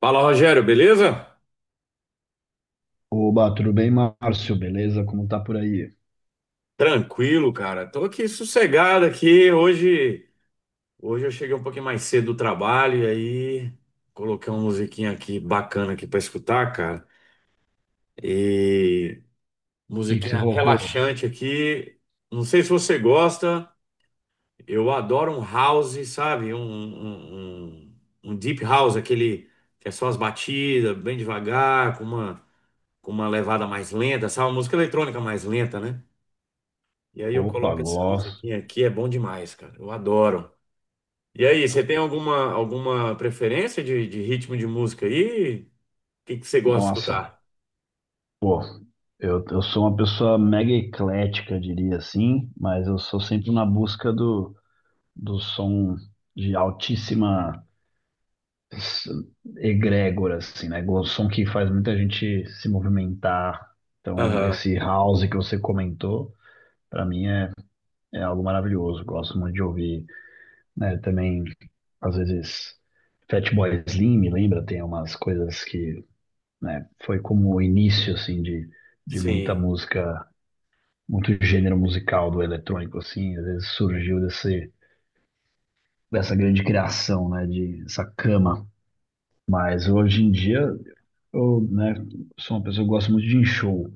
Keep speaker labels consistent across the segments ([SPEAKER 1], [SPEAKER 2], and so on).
[SPEAKER 1] Fala, Rogério, beleza?
[SPEAKER 2] Oba, tudo bem, Márcio? Beleza? Como tá por aí? O
[SPEAKER 1] Tranquilo, cara. Tô aqui sossegado aqui. Hoje, eu cheguei um pouquinho mais cedo do trabalho e aí coloquei uma musiquinha aqui bacana aqui pra escutar, cara. E
[SPEAKER 2] que que você
[SPEAKER 1] musiquinha
[SPEAKER 2] colocou?
[SPEAKER 1] relaxante aqui. Não sei se você gosta. Eu adoro um house, sabe? Um deep house, aquele que é só as batidas, bem devagar, com uma levada mais lenta, sabe? Uma música eletrônica mais lenta, né? E aí eu
[SPEAKER 2] Opa,
[SPEAKER 1] coloco essa
[SPEAKER 2] gloss.
[SPEAKER 1] musiquinha aqui, é bom demais, cara. Eu adoro. E aí, você tem alguma preferência de ritmo de música aí? O que que você gosta de
[SPEAKER 2] Nossa,
[SPEAKER 1] escutar?
[SPEAKER 2] pô, eu sou uma pessoa mega eclética, diria assim, mas eu sou sempre na busca do som de altíssima s- egrégora, assim, né? O som que faz muita gente se movimentar. Então,
[SPEAKER 1] Aham,
[SPEAKER 2] esse house que você comentou, pra é algo maravilhoso. Gosto muito de ouvir, né? Também, às vezes, Fatboy Slim, me lembra, tem umas coisas que, né, foi como o início, assim, de muita
[SPEAKER 1] sim.
[SPEAKER 2] música, muito gênero musical do eletrônico, assim, às vezes surgiu dessa grande criação, né, de essa cama. Mas hoje em dia, eu, né, sou uma pessoa que gosta muito de ir em show.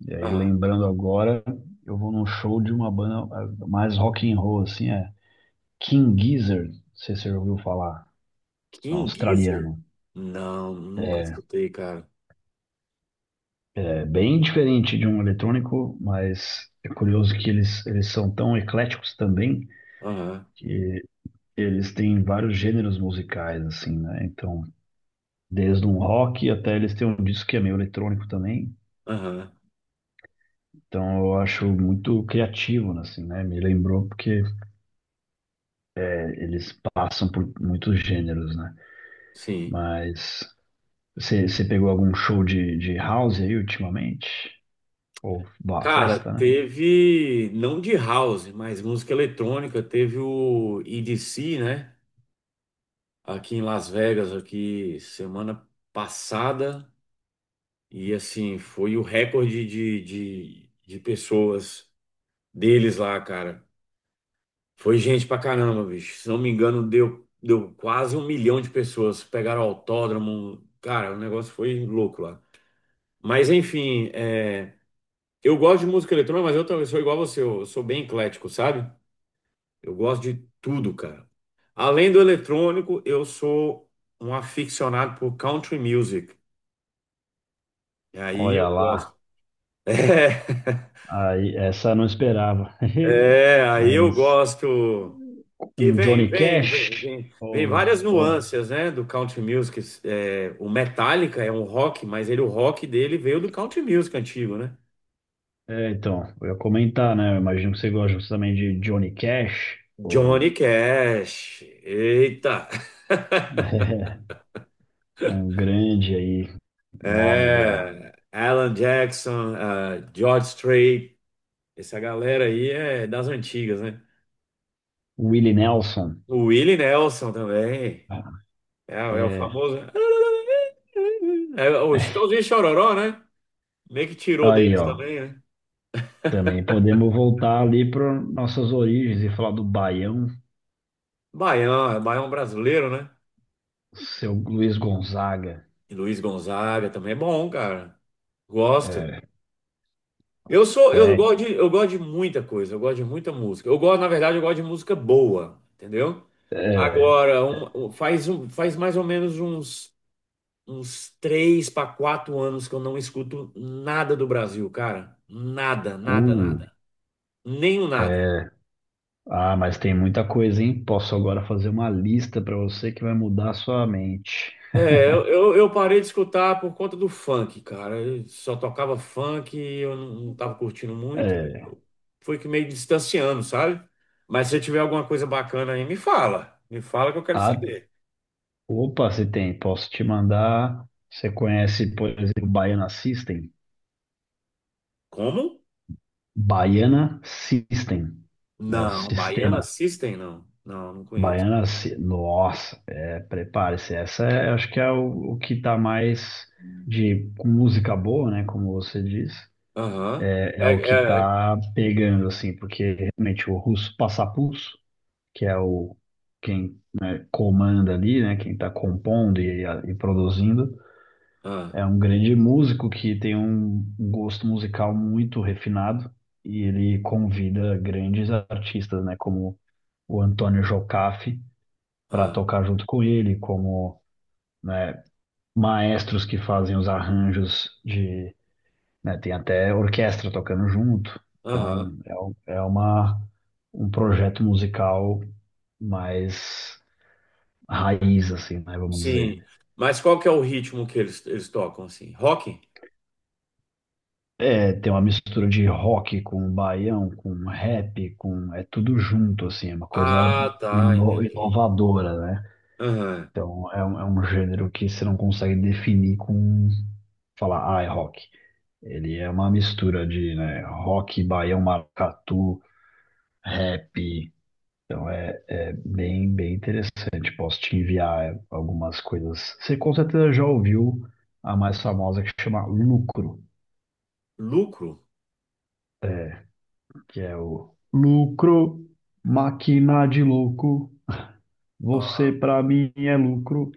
[SPEAKER 2] E aí,
[SPEAKER 1] Ah,
[SPEAKER 2] lembrando agora, eu vou num show de uma banda mais rock and roll, assim, é King Gizzard, não sei se você já ouviu falar, é um
[SPEAKER 1] King Gizzard?
[SPEAKER 2] australiano.
[SPEAKER 1] Não, nunca escutei, cara.
[SPEAKER 2] É bem diferente de um eletrônico, mas é curioso que eles são tão ecléticos também
[SPEAKER 1] Aham,
[SPEAKER 2] que eles têm vários gêneros musicais, assim, né? Então, desde um rock até eles têm um disco que é meio eletrônico também.
[SPEAKER 1] aham,
[SPEAKER 2] Então, eu acho muito criativo, né, assim, né? Me lembrou porque é, eles passam por muitos gêneros, né?
[SPEAKER 1] sim.
[SPEAKER 2] Mas você pegou algum show de house aí ultimamente? Ou bah,
[SPEAKER 1] Cara,
[SPEAKER 2] festa, né?
[SPEAKER 1] teve, não de house, mas música eletrônica, teve o EDC, né? Aqui em Las Vegas, aqui semana passada. E assim, foi o recorde de pessoas deles lá, cara. Foi gente pra caramba, bicho. Se não me engano, deu quase 1 milhão de pessoas. Pegaram autódromo. Cara, o negócio foi louco lá. Mas enfim, é, eu gosto de música eletrônica, mas eu também sou igual a você. Eu sou bem eclético, sabe? Eu gosto de tudo, cara. Além do eletrônico, eu sou um aficionado por country music. E aí eu
[SPEAKER 2] Olha lá.
[SPEAKER 1] gosto. É.
[SPEAKER 2] Aí, essa eu não esperava.
[SPEAKER 1] É, aí eu
[SPEAKER 2] Mas
[SPEAKER 1] gosto que
[SPEAKER 2] um
[SPEAKER 1] vem,
[SPEAKER 2] Johnny
[SPEAKER 1] vem, vem,
[SPEAKER 2] Cash
[SPEAKER 1] vem, vem várias
[SPEAKER 2] ou-
[SPEAKER 1] nuances, né, do country music. É, o Metallica é um rock, mas ele o rock dele veio do country music antigo, né?
[SPEAKER 2] é, então, eu ia comentar, né? Eu imagino que você gosta também de Johnny Cash ou
[SPEAKER 1] Johnny Cash, eita,
[SPEAKER 2] um grande aí nome da
[SPEAKER 1] é, Alan Jackson, ah, George Strait, essa galera aí é das antigas, né?
[SPEAKER 2] Willie Nelson.
[SPEAKER 1] O Willie Nelson também, é, é o
[SPEAKER 2] É,
[SPEAKER 1] famoso, é o Chitãozinho e Chororó, né? Meio que tirou
[SPEAKER 2] aí,
[SPEAKER 1] deles
[SPEAKER 2] ó.
[SPEAKER 1] também, né?
[SPEAKER 2] Também podemos voltar ali para nossas origens e falar do Baião,
[SPEAKER 1] Baião, é Baião brasileiro, né?
[SPEAKER 2] seu Luiz Gonzaga.
[SPEAKER 1] E Luiz Gonzaga também é bom, cara. Gosto.
[SPEAKER 2] É,
[SPEAKER 1] Eu
[SPEAKER 2] é,
[SPEAKER 1] gosto de, eu gosto de muita coisa, eu gosto de muita música. Eu gosto, na verdade, eu gosto de música boa, entendeu?
[SPEAKER 2] é,
[SPEAKER 1] Agora, faz mais ou menos uns, uns três para quatro anos que eu não escuto nada do Brasil, cara. Nada, nada,
[SPEAKER 2] o
[SPEAKER 1] nada. Nenhum nada.
[SPEAKER 2] Ah, mas tem muita coisa, hein? Posso agora fazer uma lista para você que vai mudar a sua mente.
[SPEAKER 1] É, eu parei de escutar por conta do funk, cara. Eu só tocava funk e eu não tava curtindo muito.
[SPEAKER 2] É,
[SPEAKER 1] Eu fui que meio distanciando, sabe? Mas se tiver alguma coisa bacana aí, me fala. Me fala que eu quero
[SPEAKER 2] ah,
[SPEAKER 1] saber.
[SPEAKER 2] opa, se tem, posso te mandar. Você conhece, por exemplo, Baiana System?
[SPEAKER 1] Como?
[SPEAKER 2] Baiana System, né? O
[SPEAKER 1] Não, Baiana
[SPEAKER 2] sistema
[SPEAKER 1] System não. Não, não conheço.
[SPEAKER 2] Baiana. Nossa, é, prepare-se. Essa é, acho que é o que tá mais de com música boa, né? Como você diz,
[SPEAKER 1] Aham.
[SPEAKER 2] é, é
[SPEAKER 1] É,
[SPEAKER 2] o que
[SPEAKER 1] é,
[SPEAKER 2] tá pegando assim, porque realmente o russo Passapulso, que é o quem comanda ali, né, quem está compondo e produzindo,
[SPEAKER 1] ah,
[SPEAKER 2] é um grande músico que tem um gosto musical muito refinado e ele convida grandes artistas, né, como o Antônio Jocafe para
[SPEAKER 1] ah,
[SPEAKER 2] tocar junto com ele, como né, maestros que fazem os arranjos de, né, tem até orquestra tocando junto.
[SPEAKER 1] aham.
[SPEAKER 2] Então é uma um projeto musical mais raiz, assim, né, vamos dizer.
[SPEAKER 1] Sim. Mas qual que é o ritmo que eles tocam, assim? Rock?
[SPEAKER 2] É, tem uma mistura de rock com baião, com rap, com... É tudo junto, assim, é uma coisa
[SPEAKER 1] Ah, tá, entendi.
[SPEAKER 2] inovadora, né?
[SPEAKER 1] Aham.
[SPEAKER 2] Então, é um gênero que você não consegue definir com... Falar, ah, é rock. Ele é uma mistura de, né, rock, baião, maracatu, rap. É bem, bem interessante. Posso te enviar algumas coisas. Você com certeza já ouviu a mais famosa que chama Lucro.
[SPEAKER 1] Lucro?
[SPEAKER 2] É, que é o lucro, máquina de louco, você
[SPEAKER 1] Ah.
[SPEAKER 2] pra mim é lucro.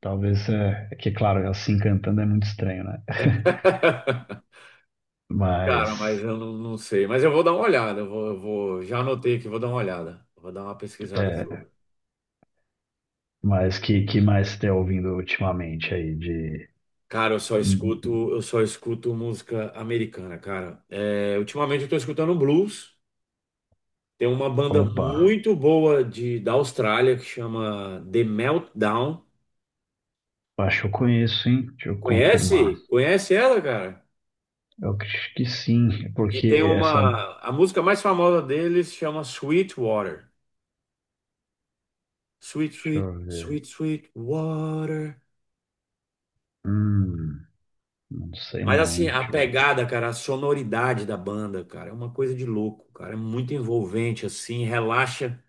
[SPEAKER 2] Talvez é que, claro, assim cantando é muito estranho, né?
[SPEAKER 1] Cara, mas
[SPEAKER 2] Mas,
[SPEAKER 1] eu não sei. Mas eu vou dar uma olhada. Eu vou, já anotei aqui, vou dar uma olhada. Vou dar uma pesquisada
[SPEAKER 2] é,
[SPEAKER 1] sobre.
[SPEAKER 2] mas que mais você tá ouvindo ultimamente aí de...
[SPEAKER 1] Cara, eu só escuto música americana, cara. É, ultimamente eu tô escutando blues. Tem uma banda
[SPEAKER 2] Opa,
[SPEAKER 1] muito boa de, da Austrália que chama The Meltdown.
[SPEAKER 2] acho que eu conheço, hein? Deixa eu confirmar.
[SPEAKER 1] Conhece? Conhece ela, cara?
[SPEAKER 2] Eu acho que sim,
[SPEAKER 1] Que
[SPEAKER 2] porque
[SPEAKER 1] tem
[SPEAKER 2] essa...
[SPEAKER 1] uma. A música mais famosa deles chama Sweet Water. Sweet,
[SPEAKER 2] Deixa
[SPEAKER 1] sweet,
[SPEAKER 2] eu ver.
[SPEAKER 1] sweet, sweet water.
[SPEAKER 2] Hum, não sei
[SPEAKER 1] Mas
[SPEAKER 2] não,
[SPEAKER 1] assim,
[SPEAKER 2] hein?
[SPEAKER 1] a
[SPEAKER 2] Deixa eu...
[SPEAKER 1] pegada, cara, a sonoridade da banda, cara, é uma coisa de louco, cara. É muito envolvente, assim, relaxa,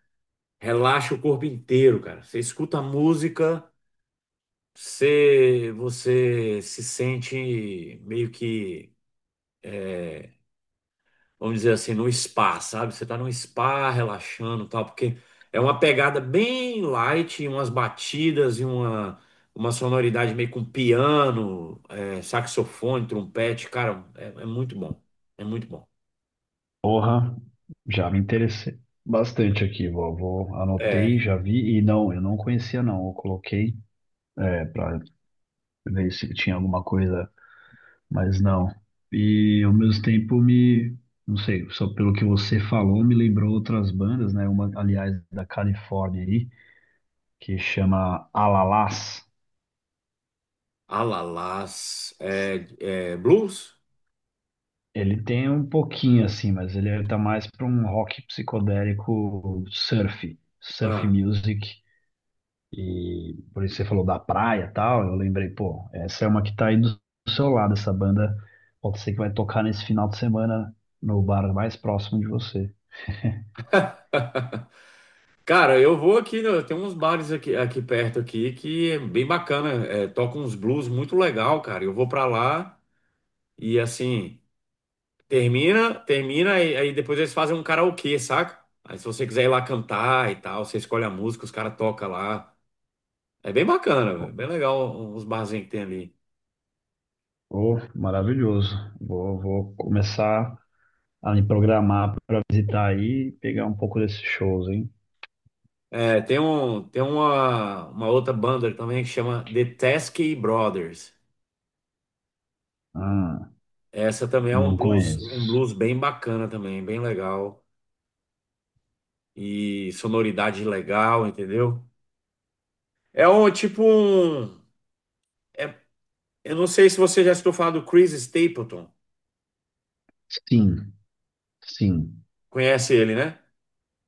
[SPEAKER 1] relaxa o corpo inteiro, cara. Você escuta a música, você se sente meio que, é, vamos dizer assim, no spa, sabe? Você tá num spa relaxando, e tal, porque é uma pegada bem light, umas batidas e uma sonoridade meio com piano, é, saxofone, trompete, cara, é muito bom. É muito bom.
[SPEAKER 2] Porra, já me interessei bastante aqui, anotei,
[SPEAKER 1] É,
[SPEAKER 2] já vi e não, eu não conhecia não, eu coloquei é, para ver se tinha alguma coisa, mas não. E ao mesmo tempo me, não sei, só pelo que você falou, me lembrou outras bandas, né? Uma, aliás, da Califórnia aí, que chama Alalás.
[SPEAKER 1] Alalás, é, é, Blues?
[SPEAKER 2] Ele tem um pouquinho assim, mas ele é, tá mais para um rock psicodélico surf, surf
[SPEAKER 1] Ah.
[SPEAKER 2] music. E por isso você falou da praia e tal, eu lembrei, pô, essa é uma que tá aí do seu lado, essa banda pode ser que vai tocar nesse final de semana no bar mais próximo de você.
[SPEAKER 1] Cara, eu vou aqui, né, tem uns bares aqui, aqui perto aqui que é bem bacana, é, toca uns blues muito legal, cara. Eu vou pra lá e assim, termina e aí depois eles fazem um karaokê, saca? Aí se você quiser ir lá cantar e tal, você escolhe a música, os caras tocam lá. É bem bacana, velho, bem legal os barzinhos que tem ali.
[SPEAKER 2] Oh, maravilhoso. Vou, vou começar a me programar para visitar aí e pegar um pouco desses shows, hein?
[SPEAKER 1] É, tem um, tem uma outra banda também que chama The Teskey Brothers.
[SPEAKER 2] Ah,
[SPEAKER 1] Essa também é
[SPEAKER 2] não
[SPEAKER 1] um
[SPEAKER 2] conheço.
[SPEAKER 1] blues bem bacana também, bem legal. E sonoridade legal, entendeu? É um tipo um. É- eu não sei se você já escutou falar do Chris Stapleton.
[SPEAKER 2] Sim, sim.
[SPEAKER 1] Conhece ele, né?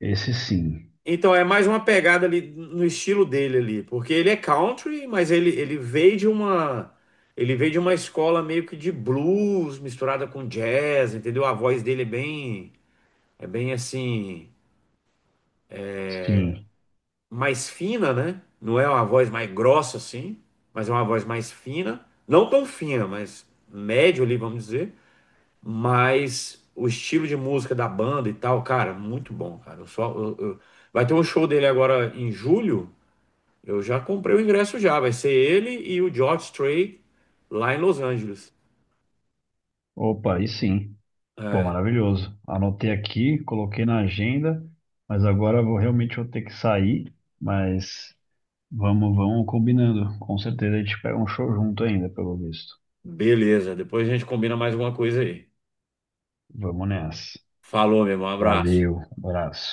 [SPEAKER 2] Esse sim.
[SPEAKER 1] Então é mais uma pegada ali no estilo dele ali, porque ele é country, mas ele veio de uma escola meio que de blues misturada com jazz, entendeu? A voz dele é bem assim
[SPEAKER 2] Sim.
[SPEAKER 1] mais fina, né? Não é uma voz mais grossa assim, mas é uma voz mais fina. Não tão fina, mas médio ali, vamos dizer. Mas o estilo de música da banda e tal, cara, muito bom, cara. Eu só, eu- Vai ter um show dele agora em julho. Eu já comprei o ingresso já. Vai ser ele e o George Strait lá em Los Angeles.
[SPEAKER 2] Opa, aí sim. Pô,
[SPEAKER 1] É,
[SPEAKER 2] maravilhoso. Anotei aqui, coloquei na agenda, mas agora eu vou realmente vou ter que sair, mas vamos combinando. Com certeza a gente pega um show junto ainda, pelo visto.
[SPEAKER 1] beleza. Depois a gente combina mais alguma coisa aí.
[SPEAKER 2] Vamos nessa.
[SPEAKER 1] Falou, meu irmão. Um abraço.
[SPEAKER 2] Valeu, abraço.